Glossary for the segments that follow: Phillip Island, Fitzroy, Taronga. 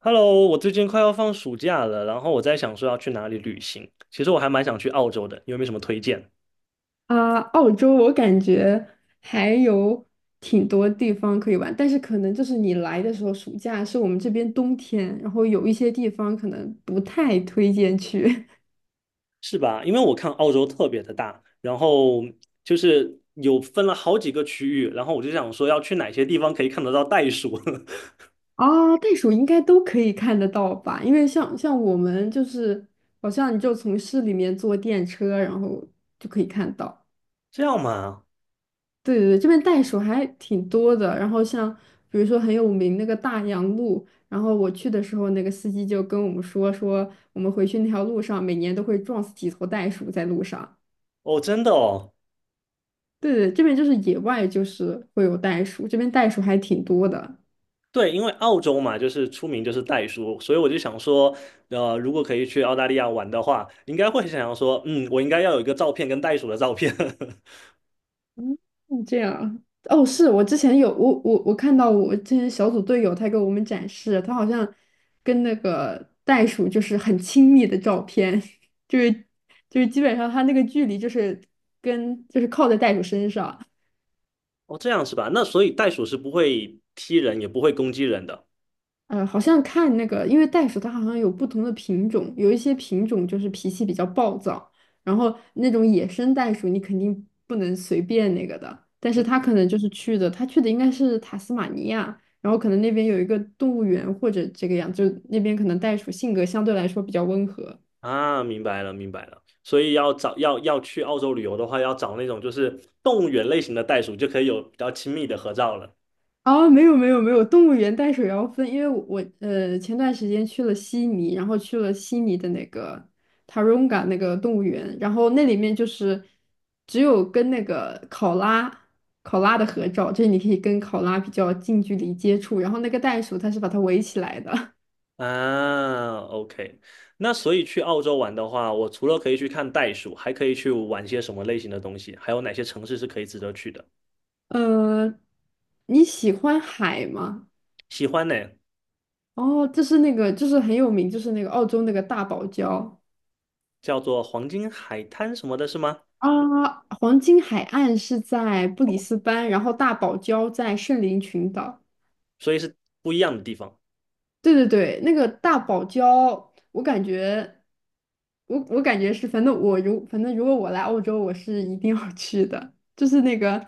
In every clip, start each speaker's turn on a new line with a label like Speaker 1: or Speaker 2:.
Speaker 1: Hello，我最近快要放暑假了，然后我在想说要去哪里旅行。其实我还蛮想去澳洲的，你有没有什么推荐？
Speaker 2: 啊，澳洲我感觉还有挺多地方可以玩，但是可能就是你来的时候，暑假是我们这边冬天，然后有一些地方可能不太推荐去。
Speaker 1: 是吧？因为我看澳洲特别的大，然后就是有分了好几个区域，然后我就想说要去哪些地方可以看得到袋鼠。
Speaker 2: 啊，袋鼠应该都可以看得到吧？因为像我们就是，好像你就从市里面坐电车，然后就可以看到。
Speaker 1: 这样嘛？
Speaker 2: 对对对，这边袋鼠还挺多的。然后像比如说很有名那个大洋路，然后我去的时候，那个司机就跟我们说说，我们回去那条路上每年都会撞死几头袋鼠在路上。
Speaker 1: 哦，真的哦。
Speaker 2: 对对，这边就是野外就是会有袋鼠，这边袋鼠还挺多的。
Speaker 1: 对，因为澳洲嘛，就是出名就是袋鼠，所以我就想说，如果可以去澳大利亚玩的话，应该会想要说，嗯，我应该要有一个照片跟袋鼠的照片。
Speaker 2: 嗯，这样啊。哦，是我看到我之前小组队友他给我们展示，他好像跟那个袋鼠就是很亲密的照片。就是就是基本上他那个距离就是跟就是靠在袋鼠身上。
Speaker 1: 哦，这样是吧？那所以袋鼠是不会踢人，也不会攻击人的
Speaker 2: 好像看那个，因为袋鼠它好像有不同的品种，有一些品种就是脾气比较暴躁，然后那种野生袋鼠你肯定不能随便那个的，但是它可能就是去的，它去的应该是塔斯马尼亚，然后可能那边有一个动物园或者这个样，就那边可能袋鼠性格相对来说比较温和。
Speaker 1: 啊。明白了，明白了。所以要找要去澳洲旅游的话，要找那种就是动物园类型的袋鼠，就可以有比较亲密的合照了
Speaker 2: 哦，没有没有没有，动物园淡水要分，因为我前段时间去了悉尼，然后去了悉尼的那个 Taronga 那个动物园，然后那里面就是只有跟那个考拉的合照，就是你可以跟考拉比较近距离接触，然后那个袋鼠它是把它围起来的。
Speaker 1: 啊。OK，那所以去澳洲玩的话，我除了可以去看袋鼠，还可以去玩些什么类型的东西？还有哪些城市是可以值得去的？
Speaker 2: 呃，你喜欢海吗？
Speaker 1: 喜欢呢。
Speaker 2: 哦，这是那个就是很有名，就是那个澳洲那个大堡礁。
Speaker 1: 叫做黄金海滩什么的，是吗？
Speaker 2: 啊，黄金海岸是在布里斯班，然后大堡礁在圣灵群岛。
Speaker 1: 所以是不一样的地方。
Speaker 2: 对对对，那个大堡礁，我感觉，我感觉是，反正如果我来澳洲，我是一定要去的。就是那个，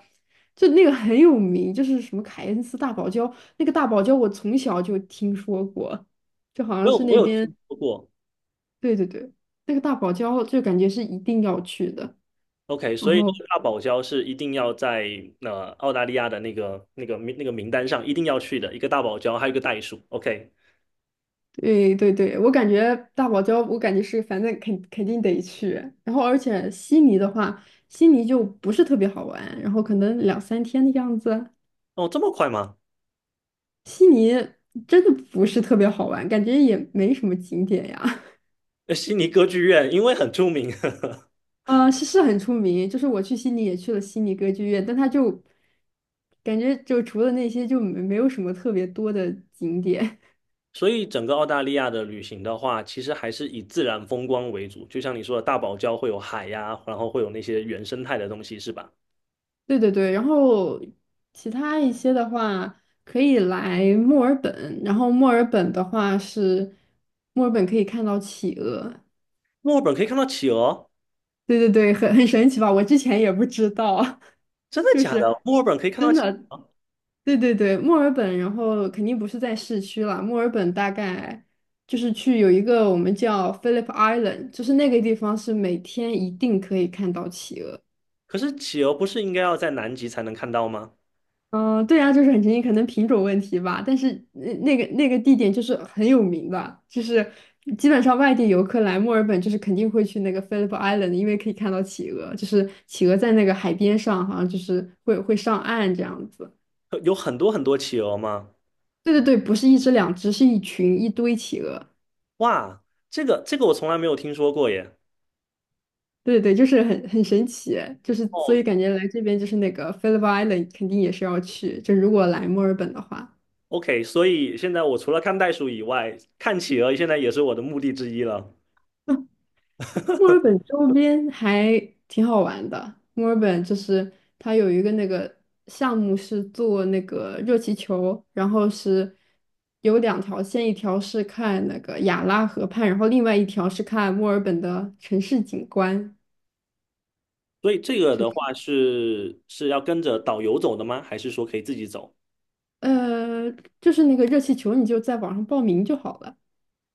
Speaker 2: 就那个很有名，就是什么凯恩斯大堡礁，那个大堡礁我从小就听说过，就好
Speaker 1: 我
Speaker 2: 像
Speaker 1: 有
Speaker 2: 是
Speaker 1: 我
Speaker 2: 那
Speaker 1: 有
Speaker 2: 边。
Speaker 1: 听说过。
Speaker 2: 对对对，那个大堡礁就感觉是一定要去的。
Speaker 1: OK，
Speaker 2: 然
Speaker 1: 所以
Speaker 2: 后。
Speaker 1: 大堡礁是一定要在澳大利亚的那个那个名那个名单上一定要去的，一个大堡礁，还有一个袋鼠。OK，
Speaker 2: 对对对，我感觉大堡礁，我感觉是反正肯定得去。然后，而且悉尼的话，悉尼就不是特别好玩，然后可能两三天的样子。
Speaker 1: 哦，这么快吗？
Speaker 2: 悉尼真的不是特别好玩，感觉也没什么景点呀。
Speaker 1: 悉尼歌剧院因为很出名。
Speaker 2: 是是很出名，就是我去悉尼也去了悉尼歌剧院，但它就感觉就除了那些就没有什么特别多的景点。
Speaker 1: 所以整个澳大利亚的旅行的话，其实还是以自然风光为主。就像你说的，大堡礁会有海呀、然后会有那些原生态的东西，是吧？
Speaker 2: 对对对，然后其他一些的话可以来墨尔本，然后墨尔本的话是墨尔本可以看到企鹅。
Speaker 1: 墨尔本可以看到企鹅。
Speaker 2: 对对对，很神奇吧？我之前也不知道。
Speaker 1: 真 的
Speaker 2: 就
Speaker 1: 假
Speaker 2: 是
Speaker 1: 的？墨尔本可以看到
Speaker 2: 真
Speaker 1: 企，
Speaker 2: 的。对对对，墨尔本，然后肯定不是在市区了，墨尔本大概就是去有一个我们叫 Phillip Island，就是那个地方是每天一定可以看到企鹅。
Speaker 1: 可是企鹅不是应该要在南极才能看到吗？
Speaker 2: 嗯，对啊，就是很神奇，可能品种问题吧。但是那个地点就是很有名的，就是基本上外地游客来墨尔本，就是肯定会去那个 Phillip Island，因为可以看到企鹅，就是企鹅在那个海边上，好像就是会上岸这样子。
Speaker 1: 有很多很多企鹅吗？
Speaker 2: 对对对，不是一只两只，是一群一堆企鹅。
Speaker 1: 哇，这个我从来没有听说过耶。
Speaker 2: 对对对，就是很神奇，就是所
Speaker 1: 哦
Speaker 2: 以感觉来这边就是那个 Phillip Island 肯定也是要去，就如果来墨尔本的话。
Speaker 1: OK，所以现在我除了看袋鼠以外，看企鹅现在也是我的目的之一了。
Speaker 2: 墨尔本周边还挺好玩的。墨尔本就是它有一个那个项目是做那个热气球，然后是有两条线，一条是看那个亚拉河畔，然后另外一条是看墨尔本的城市景观。
Speaker 1: 所以这个的话是要跟着导游走的吗？还是说可以自己走？
Speaker 2: 呃，就是那个热气球，你就在网上报名就好了。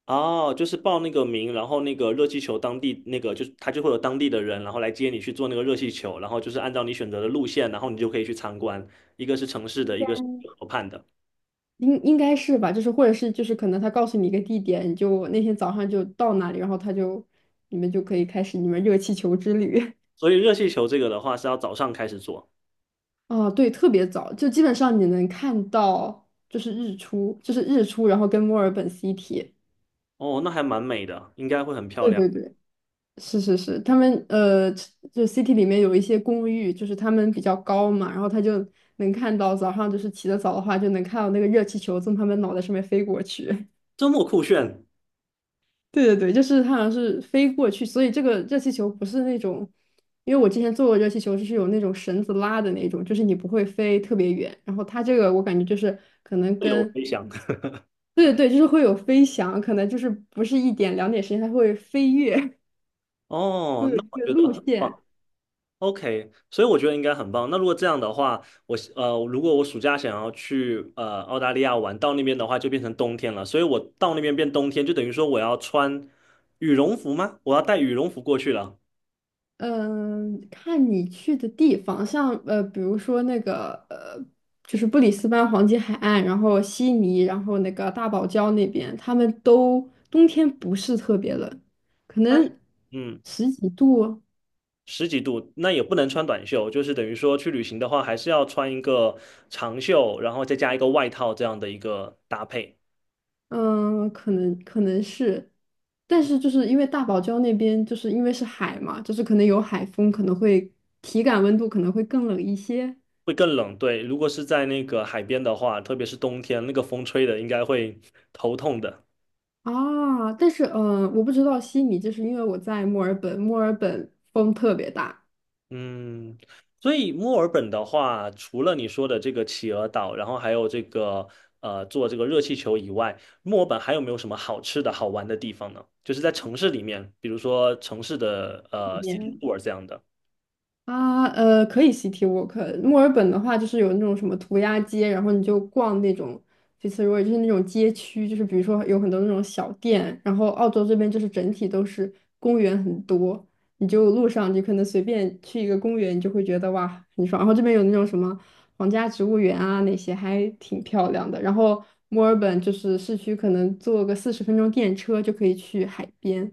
Speaker 1: 哦，就是报那个名，然后那个热气球当地那个就是他就会有当地的人，然后来接你去做那个热气球，然后就是按照你选择的路线，然后你就可以去参观，一个是城市的，一个是河畔的。
Speaker 2: 应该是吧？就是或者是就是可能他告诉你一个地点，你就那天早上就到那里，然后他就你们就可以开始你们热气球之旅。
Speaker 1: 所以热气球这个的话是要早上开始做。
Speaker 2: 哦，对，特别早，就基本上你能看到，就是日出，就是日出，然后跟墨尔本 City。
Speaker 1: 哦，那还蛮美的，应该会很漂
Speaker 2: 对
Speaker 1: 亮。
Speaker 2: 对对，是是是，他们就 City 里面有一些公寓，就是他们比较高嘛，然后他就能看到早上，就是起得早的话，就能看到那个热气球从他们脑袋上面飞过去。
Speaker 1: 周末酷炫，
Speaker 2: 对对对，就是他好像是飞过去，所以这个热气球不是那种，因为我之前做过热气球，就是有那种绳子拉的那种，就是你不会飞特别远。然后它这个我感觉就是可能
Speaker 1: 自由
Speaker 2: 跟
Speaker 1: 飞翔。
Speaker 2: 对对对就是会有飞翔，可能就是不是一点两点时间，它会飞跃。
Speaker 1: 哦，
Speaker 2: 会有
Speaker 1: 那我
Speaker 2: 这
Speaker 1: 觉
Speaker 2: 个
Speaker 1: 得
Speaker 2: 路
Speaker 1: 很
Speaker 2: 线。
Speaker 1: 棒。OK，所以我觉得应该很棒。那如果这样的话，如果我暑假想要去澳大利亚玩，到那边的话就变成冬天了。所以我到那边变冬天，就等于说我要穿羽绒服吗？我要带羽绒服过去了。
Speaker 2: 嗯，看你去的地方，像比如说那个就是布里斯班黄金海岸，然后悉尼，然后那个大堡礁那边，他们都冬天不是特别冷，可
Speaker 1: 但
Speaker 2: 能
Speaker 1: 嗯，
Speaker 2: 十几度哦。
Speaker 1: 十几度，那也不能穿短袖，就是等于说去旅行的话，还是要穿一个长袖，然后再加一个外套这样的一个搭配。
Speaker 2: 嗯，可能是，但是就是因为大堡礁那边就是因为是海嘛，就是可能有海风，可能会体感温度可能会更冷一些。
Speaker 1: 会更冷，对。如果是在那个海边的话，特别是冬天，那个风吹的应该会头痛的。
Speaker 2: 啊。但是嗯，我不知道悉尼，就是因为我在墨尔本，墨尔本风特别大。
Speaker 1: 嗯，所以墨尔本的话，除了你说的这个企鹅岛，然后还有这个坐这个热气球以外，墨尔本还有没有什么好吃的好玩的地方呢？就是在城市里面，比如说城市的city tour 这样的。
Speaker 2: 啊，可以 City Walk。墨尔本的话，就是有那种什么涂鸦街，然后你就逛那种 Fitzroy，就是那种街区，就是比如说有很多那种小店。然后澳洲这边就是整体都是公园很多，你就路上你可能随便去一个公园，你就会觉得哇很爽。然后这边有那种什么皇家植物园啊，那些还挺漂亮的。然后墨尔本就是市区，可能坐个40分钟电车就可以去海边，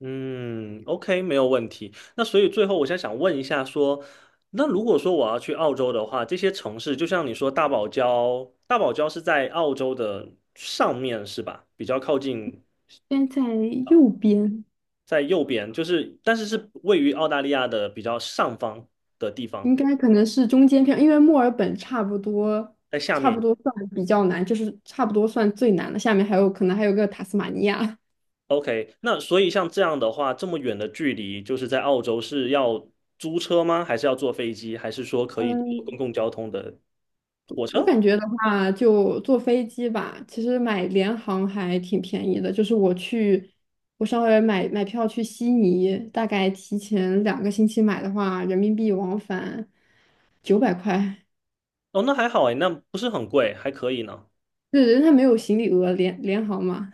Speaker 1: 嗯，OK，没有问题。那所以最后，我想问一下说，那如果说我要去澳洲的话，这些城市就像你说大堡礁，大堡礁是在澳洲的上面是吧？比较靠近
Speaker 2: 边在右边。
Speaker 1: 在右边，就是但是是位于澳大利亚的比较上方的地方，
Speaker 2: 应该可能是中间票，因为墨尔本差不多，
Speaker 1: 在下
Speaker 2: 差不
Speaker 1: 面。
Speaker 2: 多算比较难，就是差不多算最难的。下面还有可能还有个塔斯马尼亚。
Speaker 1: OK，那所以像这样的话，这么远的距离，就是在澳洲是要租车吗？还是要坐飞机？还是说可以坐公
Speaker 2: 嗯
Speaker 1: 共交通的火
Speaker 2: 我
Speaker 1: 车？
Speaker 2: 感觉的话，就坐飞机吧。其实买联航还挺便宜的，就是我去，我稍微买买票去悉尼，大概提前2个星期买的话，人民币往返900块。
Speaker 1: 哦，那还好哎，那不是很贵，还可以呢。
Speaker 2: 对人家没有行李额，联航嘛。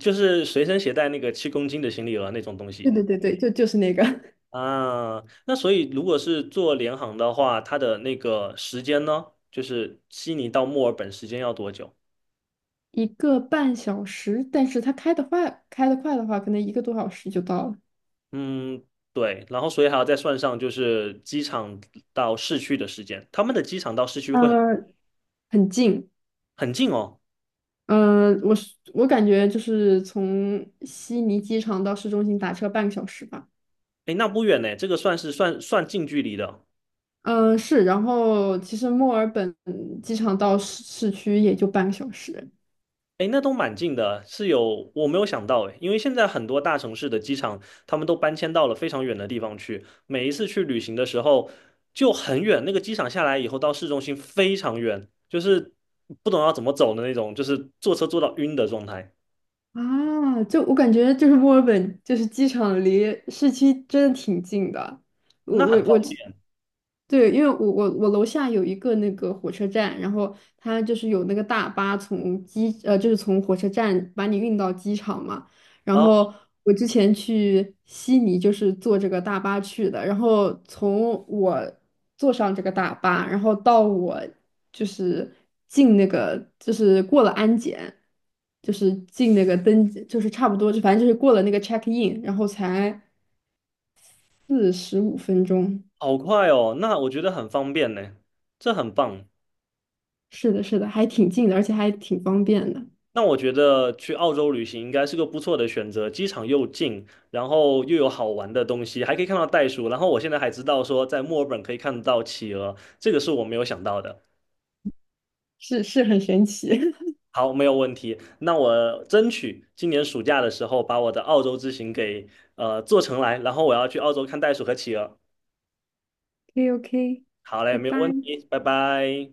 Speaker 1: 就是随身携带那个7公斤的行李额那种东
Speaker 2: 对
Speaker 1: 西
Speaker 2: 对对对，就是那个。
Speaker 1: 啊。那所以如果是坐联航的话，它的那个时间呢，就是悉尼到墨尔本时间要多久？
Speaker 2: 1个半小时，但是它开得快，开得快的话，可能1个多小时就到了。
Speaker 1: 嗯，对。然后所以还要再算上就是机场到市区的时间，他们的机场到市区会
Speaker 2: 呃，很近。
Speaker 1: 很近哦。
Speaker 2: 嗯，我感觉就是从悉尼机场到市中心打车半个小时吧。
Speaker 1: 诶，那不远呢，这个算是算近距离的。
Speaker 2: 嗯、是。然后其实墨尔本机场到市区也就半个小时。
Speaker 1: 哎，那都蛮近的啊，是有，我没有想到哎，因为现在很多大城市的机场，他们都搬迁到了非常远的地方去。每一次去旅行的时候就很远，那个机场下来以后到市中心非常远，就是不懂要怎么走的那种，就是坐车坐到晕的状态，
Speaker 2: 啊，就我感觉就是墨尔本，就是机场离市区真的挺近的。我
Speaker 1: 那
Speaker 2: 我
Speaker 1: 很方
Speaker 2: 我，
Speaker 1: 便啊，
Speaker 2: 对，因为我楼下有一个那个火车站，然后它就是有那个大巴就是从火车站把你运到机场嘛。然
Speaker 1: 然后
Speaker 2: 后我之前去悉尼就是坐这个大巴去的，然后从我坐上这个大巴，然后到我就是进那个就是过了安检，就是进那个登记，就是差不多就反正就是过了那个 check in，然后才45分钟。
Speaker 1: 好快哦，那我觉得很方便呢，这很棒。
Speaker 2: 是的，是的，还挺近的，而且还挺方便的，
Speaker 1: 那我觉得去澳洲旅行应该是个不错的选择，机场又近，然后又有好玩的东西，还可以看到袋鼠。然后我现在还知道说，在墨尔本可以看得到企鹅，这个是我没有想到的。
Speaker 2: 是是很神奇。
Speaker 1: 好，没有问题。那我争取今年暑假的时候把我的澳洲之行给做成来，然后我要去澳洲看袋鼠和企鹅。
Speaker 2: OK OK，
Speaker 1: 好嘞，
Speaker 2: 拜
Speaker 1: 没有问
Speaker 2: 拜。
Speaker 1: 题，拜拜。